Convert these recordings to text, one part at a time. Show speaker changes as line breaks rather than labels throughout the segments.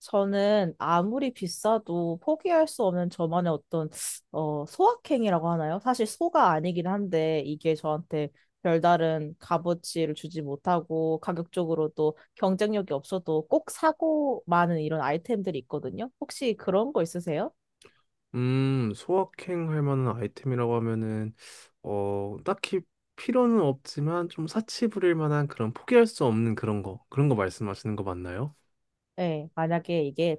저는 아무리 비싸도 포기할 수 없는 저만의 어떤 소확행이라고 하나요? 사실 소가 아니긴 한데 이게 저한테 별다른 값어치를 주지 못하고 가격적으로도 경쟁력이 없어도 꼭 사고 많은 이런 아이템들이 있거든요. 혹시 그런 거 있으세요?
소확행할 만한 아이템이라고 하면은 딱히 필요는 없지만 좀 사치 부릴 만한 그런 포기할 수 없는 그런 거. 그런 거 말씀하시는 거 맞나요?
네, 만약에 이게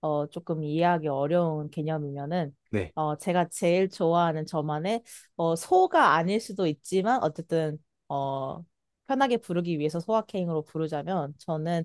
조금 이해하기 어려운 개념이면은
네.
제가 제일 좋아하는 저만의 소가 아닐 수도 있지만 어쨌든 어, 편하게 부르기 위해서 소확행으로 부르자면 저는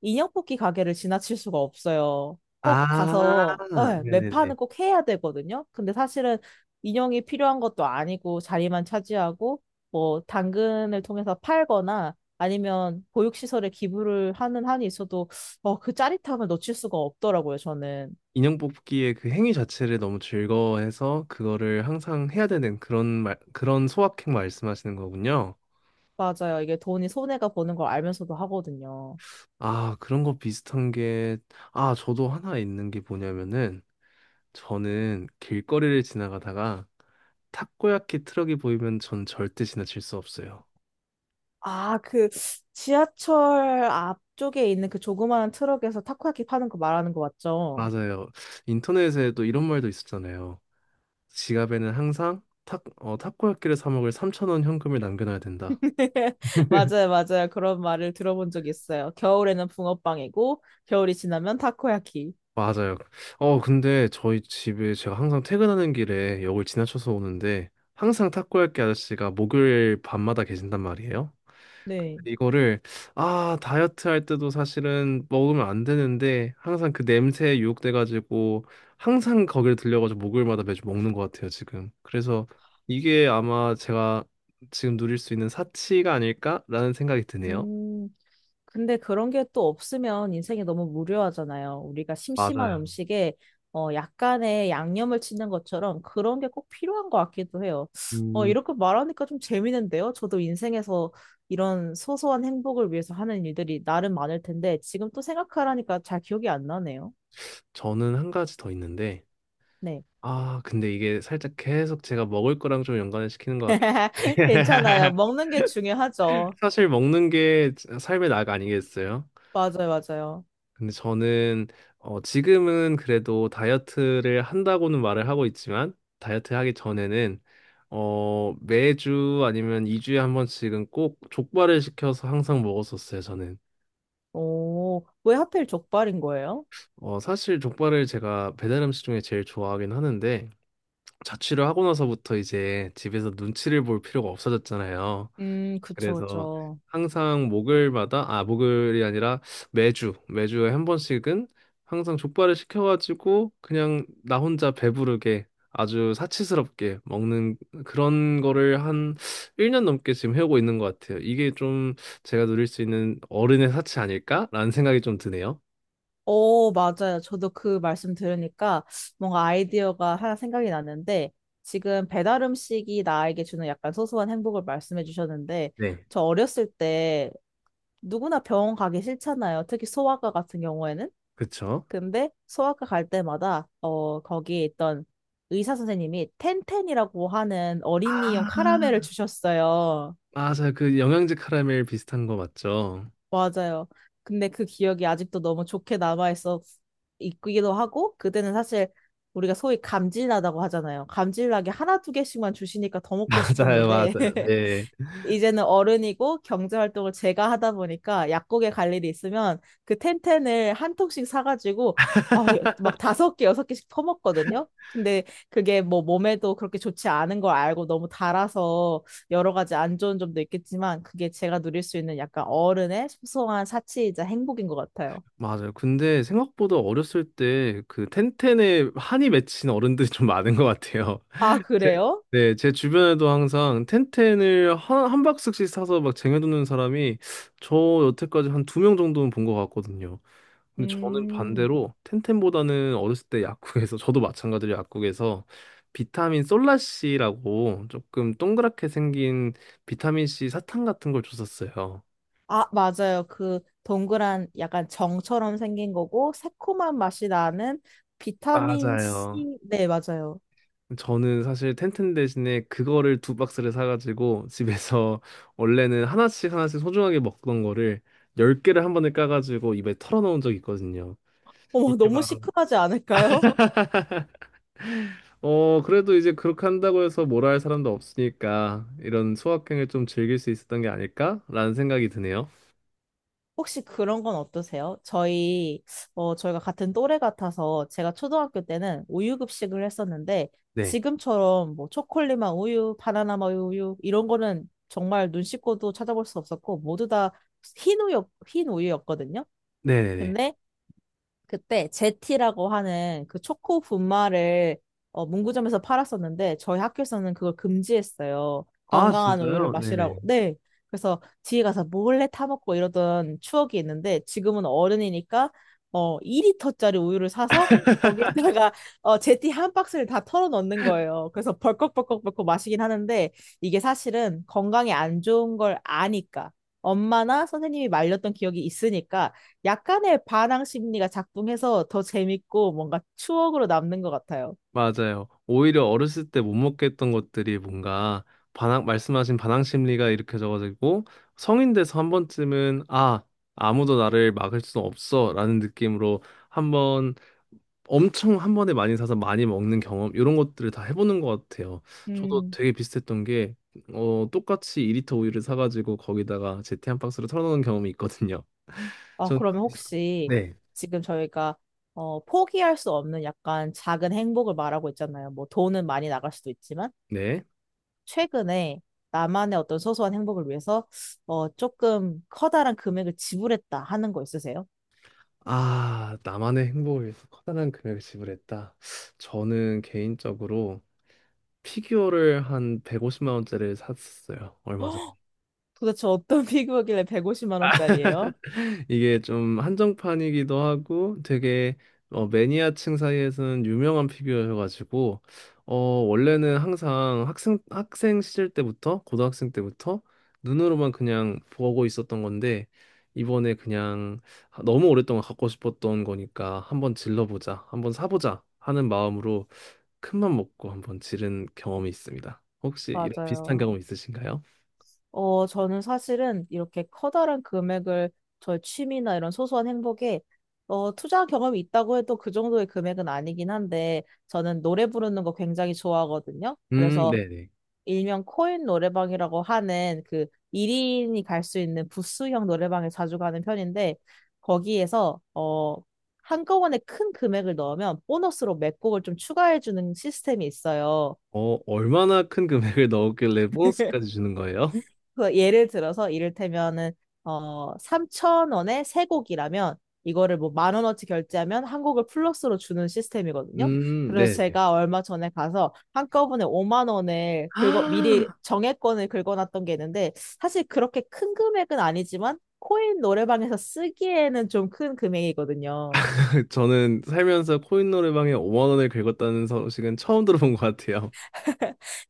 인형 뽑기 가게를 지나칠 수가 없어요. 꼭
아,
가서 네, 매
네네네.
판은 꼭 해야 되거든요. 근데 사실은 인형이 필요한 것도 아니고 자리만 차지하고 뭐 당근을 통해서 팔거나 아니면 보육시설에 기부를 하는 한이 있어도 그 짜릿함을 놓칠 수가 없더라고요, 저는.
인형 뽑기의 그 행위 자체를 너무 즐거워해서 그거를 항상 해야 되는 그런 소확행 말씀하시는 거군요.
맞아요. 이게 돈이 손해가 보는 걸 알면서도 하거든요.
아, 그런 거 비슷한 게, 저도 하나 있는 게 뭐냐면은 저는 길거리를 지나가다가 타코야키 트럭이 보이면 전 절대 지나칠 수 없어요.
아, 그 지하철 앞쪽에 있는 그 조그마한 트럭에서 타코야키 파는 거 말하는 거 맞죠?
맞아요. 인터넷에도 이런 말도 있었잖아요. 지갑에는 항상 타코야키를 사 먹을 3,000원 현금을 남겨놔야 된다.
맞아요, 맞아요. 그런 말을 들어본 적이 있어요. 겨울에는 붕어빵이고, 겨울이 지나면 타코야키.
맞아요. 근데 저희 집에 제가 항상 퇴근하는 길에 역을 지나쳐서 오는데 항상 탁구할게 아저씨가 목요일 밤마다 계신단 말이에요.
네.
근데 이거를 다이어트 할 때도 사실은 먹으면 안 되는데 항상 그 냄새에 유혹돼 가지고 항상 거기를 들려 가지고 목요일마다 매주 먹는 것 같아요, 지금. 그래서 이게 아마 제가 지금 누릴 수 있는 사치가 아닐까라는 생각이 드네요.
음, 근데 그런 게 또 없으면 인생이 너무 무료하잖아요. 우리가 심심한
맞아요.
음식에 약간의 양념을 치는 것처럼 그런 게 꼭 필요한 것 같기도 해요.
음,
이렇게 말하니까 좀 재밌는데요. 저도 인생에서 이런 소소한 행복을 위해서 하는 일들이 나름 많을 텐데 지금 또 생각하라니까 잘 기억이 안 나네요.
저는 한 가지 더 있는데
네.
근데 이게 살짝 계속 제가 먹을 거랑 좀 연관을 시키는 것 같긴 한데.
괜찮아요. 먹는 게 중요하죠.
사실 먹는 게 삶의 낙 아니겠어요?
맞아요, 맞아요.
근데 저는 지금은 그래도 다이어트를 한다고는 말을 하고 있지만 다이어트 하기 전에는 매주 아니면 2주에 한 번씩은 꼭 족발을 시켜서 항상 먹었었어요, 저는.
오, 왜 하필 족발인 거예요?
사실 족발을 제가 배달 음식 중에 제일 좋아하긴 하는데 자취를 하고 나서부터 이제 집에서 눈치를 볼 필요가 없어졌잖아요.
그쵸,
그래서
그쵸.
항상 목요일마다, 아, 목요일이 아니라 매주에 한 번씩은 항상 족발을 시켜가지고 그냥 나 혼자 배부르게 아주 사치스럽게 먹는 그런 거를 한 1년 넘게 지금 해오고 있는 것 같아요. 이게 좀 제가 누릴 수 있는 어른의 사치 아닐까라는 생각이 좀 드네요.
오, 맞아요. 저도 그 말씀 들으니까 뭔가 아이디어가 하나 생각이 났는데 지금 배달 음식이 나에게 주는 약간 소소한 행복을 말씀해 주셨는데
네.
저 어렸을 때 누구나 병원 가기 싫잖아요. 특히 소아과 같은 경우에는.
그쵸?
근데 소아과 갈 때마다 거기에 있던 의사 선생님이 텐텐이라고 하는 어린이용
아,
카라멜을 주셨어요.
맞아요. 그 영양제 카라멜 비슷한 거 맞죠?
맞아요. 근데 그 기억이 아직도 너무 좋게 남아있어 있기도 하고, 그때는 사실 우리가 소위 감질나다고 하잖아요. 감질나게 하나, 2개씩만 주시니까 더 먹고
맞아요,
싶었는데,
맞아요. 네.
이제는 어른이고 경제 활동을 제가 하다 보니까 약국에 갈 일이 있으면 그 텐텐을 1통씩 사가지고 아, 막 5개, 6개씩 퍼먹거든요. 근데 그게 뭐 몸에도 그렇게 좋지 않은 걸 알고 너무 달아서 여러 가지 안 좋은 점도 있겠지만 그게 제가 누릴 수 있는 약간 어른의 소소한 사치이자 행복인 것 같아요.
맞아요. 근데 생각보다 어렸을 때 그 텐텐에 한이 맺힌 어른들이 좀 많은 것 같아요.
아,
제,
그래요?
네, 제 주변에도 항상 텐텐을 한 박스씩 사서 막 쟁여두는 사람이 저 여태까지 한 2명 정도는 본 것 같거든요. 근데 저는
음.
반대로 텐텐보다는 어렸을 때 약국에서 저도 마찬가지로 약국에서 비타민 솔라씨라고 조금 동그랗게 생긴 비타민 C 사탕 같은 걸 줬었어요.
아, 맞아요. 그 동그란 약간 정처럼 생긴 거고 새콤한 맛이 나는 비타민
맞아요.
C. 네, 맞아요.
저는 사실 텐텐 대신에 그거를 두 박스를 사가지고 집에서 원래는 하나씩 하나씩 소중하게 먹던 거를 열 개를 한 번에 까가지고 입에 털어넣은 적이 있거든요.
어머,
이게
너무
바로
시큼하지 않을까요?
그래도 이제 그렇게 한다고 해서 뭐라 할 사람도 없으니까 이런 소확행을 좀 즐길 수 있었던 게 아닐까라는 생각이 드네요.
혹시 그런 건 어떠세요? 저희가 같은 또래 같아서 제가 초등학교 때는 우유 급식을 했었는데
네,
지금처럼 뭐 초콜릿맛 우유, 바나나 맛 우유 이런 거는 정말 눈 씻고도 찾아볼 수 없었고 모두 다 흰 우유 흰 우유였거든요.
네네네.
근데 그때 제티라고 하는 그 초코 분말을 문구점에서 팔았었는데 저희 학교에서는 그걸 금지했어요.
아
건강한 우유를
진짜요?
마시라고.
네네.
네. 그래서 뒤에 가서 몰래 타먹고 이러던 추억이 있는데 지금은 어른이니까 2리터짜리 우유를 사서 거기에다가 제티 한 박스를 다 털어 넣는 거예요. 그래서 벌컥벌컥벌컥 마시긴 하는데 이게 사실은 건강에 안 좋은 걸 아니까 엄마나 선생님이 말렸던 기억이 있으니까 약간의 반항 심리가 작동해서 더 재밌고 뭔가 추억으로 남는 것 같아요.
맞아요. 오히려 어렸을 때 못 먹겠던 것들이 뭔가 말씀하신 반항 심리가 일으켜져가지고 성인 돼서 한 번쯤은 아, 아무도 나를 막을 수 없어 라는 느낌으로 한번 엄청 한 번에 많이 사서 많이 먹는 경험 이런 것들을 다 해보는 것 같아요. 저도
음.
되게 비슷했던 게 똑같이 2리터 우유를 사가지고 거기다가 제티 한 박스를 털어놓은 경험이 있거든요.
아,
전
그러면 혹시
네.
지금 저희가 포기할 수 없는 약간 작은 행복을 말하고 있잖아요. 뭐 돈은 많이 나갈 수도 있지만
네.
최근에 나만의 어떤 소소한 행복을 위해서 조금 커다란 금액을 지불했다 하는 거 있으세요?
아, 나만의 행복을 위해서 커다란 금액을 지불했다. 저는 개인적으로 피규어를 한 150만 원짜리를 샀어요. 얼마 전에.
도대체 어떤 피규어길래 150만 원짜리예요?
이게 좀 한정판이기도 하고 되게 매니아층 사이에서는 유명한 피규어여가지고 원래는 항상 학생 시절 때부터 고등학생 때부터 눈으로만 그냥 보고 있었던 건데 이번에 그냥 너무 오랫동안 갖고 싶었던 거니까 한번 질러보자, 한번 사보자 하는 마음으로 큰 맘 먹고 한번 지른 경험이 있습니다. 혹시 이런 비슷한
맞아요.
경험 있으신가요?
저는 사실은 이렇게 커다란 금액을 저의 취미나 이런 소소한 행복에 투자한 경험이 있다고 해도 그 정도의 금액은 아니긴 한데 저는 노래 부르는 거 굉장히 좋아하거든요. 그래서
네네.
일명 코인 노래방이라고 하는 그 1인이 갈 수 있는 부스형 노래방에 자주 가는 편인데 거기에서 한꺼번에 큰 금액을 넣으면 보너스로 몇 곡을 좀 추가해 주는 시스템이 있어요.
얼마나 큰 금액을 넣었길래 보너스까지 주는 거예요?
그 예를 들어서 이를테면은 3천 원에 3곡이라면 이거를 뭐 1만 원어치 결제하면 1곡을 플러스로 주는 시스템이거든요. 그래서
네.
제가 얼마 전에 가서 한꺼번에 5만 원을 긁어 미리 정액권을 긁어놨던 게 있는데 사실 그렇게 큰 금액은 아니지만 코인 노래방에서 쓰기에는 좀 큰 금액이거든요.
저는 살면서 코인 노래방에 5만 원을 긁었다는 소식은 처음 들어본 것 같아요.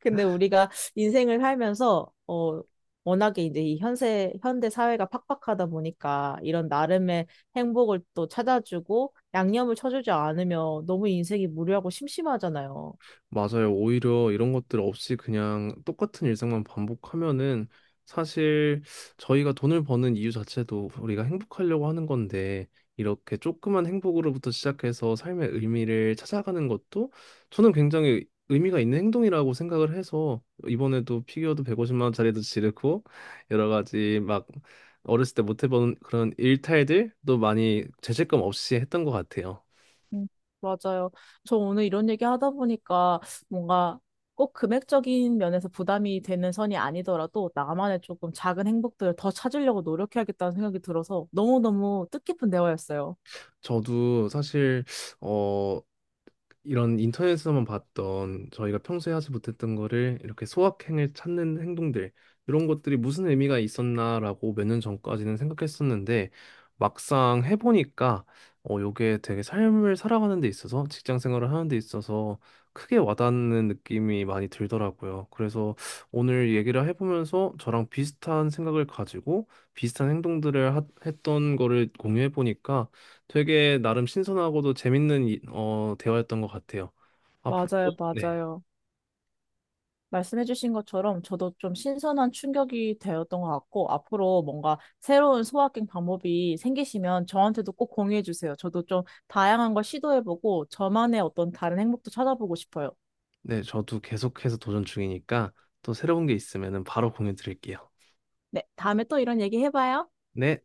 근데 우리가 인생을 살면서 워낙에 이제 이 현세 현대 사회가 팍팍하다 보니까 이런 나름의 행복을 또 찾아주고 양념을 쳐주지 않으면 너무 인생이 무료하고 심심하잖아요.
맞아요. 오히려 이런 것들 없이 그냥 똑같은 일상만 반복하면은 사실 저희가 돈을 버는 이유 자체도 우리가 행복하려고 하는 건데 이렇게 조그만 행복으로부터 시작해서 삶의 의미를 찾아가는 것도 저는 굉장히 의미가 있는 행동이라고 생각을 해서 이번에도 피규어도 150만 원짜리도 지르고 여러 가지 막 어렸을 때 못 해본 그런 일탈들도 많이 죄책감 없이 했던 것 같아요.
음, 맞아요. 저 오늘 이런 얘기 하다 보니까 뭔가 꼭 금액적인 면에서 부담이 되는 선이 아니더라도 나만의 조금 작은 행복들을 더 찾으려고 노력해야겠다는 생각이 들어서 너무너무 뜻깊은 대화였어요.
저도 사실 어 이런 인터넷에서만 봤던 저희가 평소에 하지 못했던 거를 이렇게 소확행을 찾는 행동들 이런 것들이 무슨 의미가 있었나라고 몇 년 전까지는 생각했었는데 막상 해보니까 요게 되게 삶을 살아가는 데 있어서 직장 생활을 하는 데 있어서 크게 와닿는 느낌이 많이 들더라고요. 그래서 오늘 얘기를 해보면서 저랑 비슷한 생각을 가지고 비슷한 행동들을 했던 거를 공유해 보니까 되게 나름 신선하고도 재밌는 대화였던 것 같아요. 앞으로도
맞아요,
네,
맞아요. 말씀해주신 것처럼 저도 좀 신선한 충격이 되었던 것 같고, 앞으로 뭔가 새로운 소확행 방법이 생기시면 저한테도 꼭 공유해주세요. 저도 좀 다양한 걸 시도해보고, 저만의 어떤 다른 행복도 찾아보고 싶어요.
네, 저도 계속해서 도전 중이니까 또 새로운 게 있으면은 바로 공유 드릴게요.
네, 다음에 또 이런 얘기 해봐요.
네.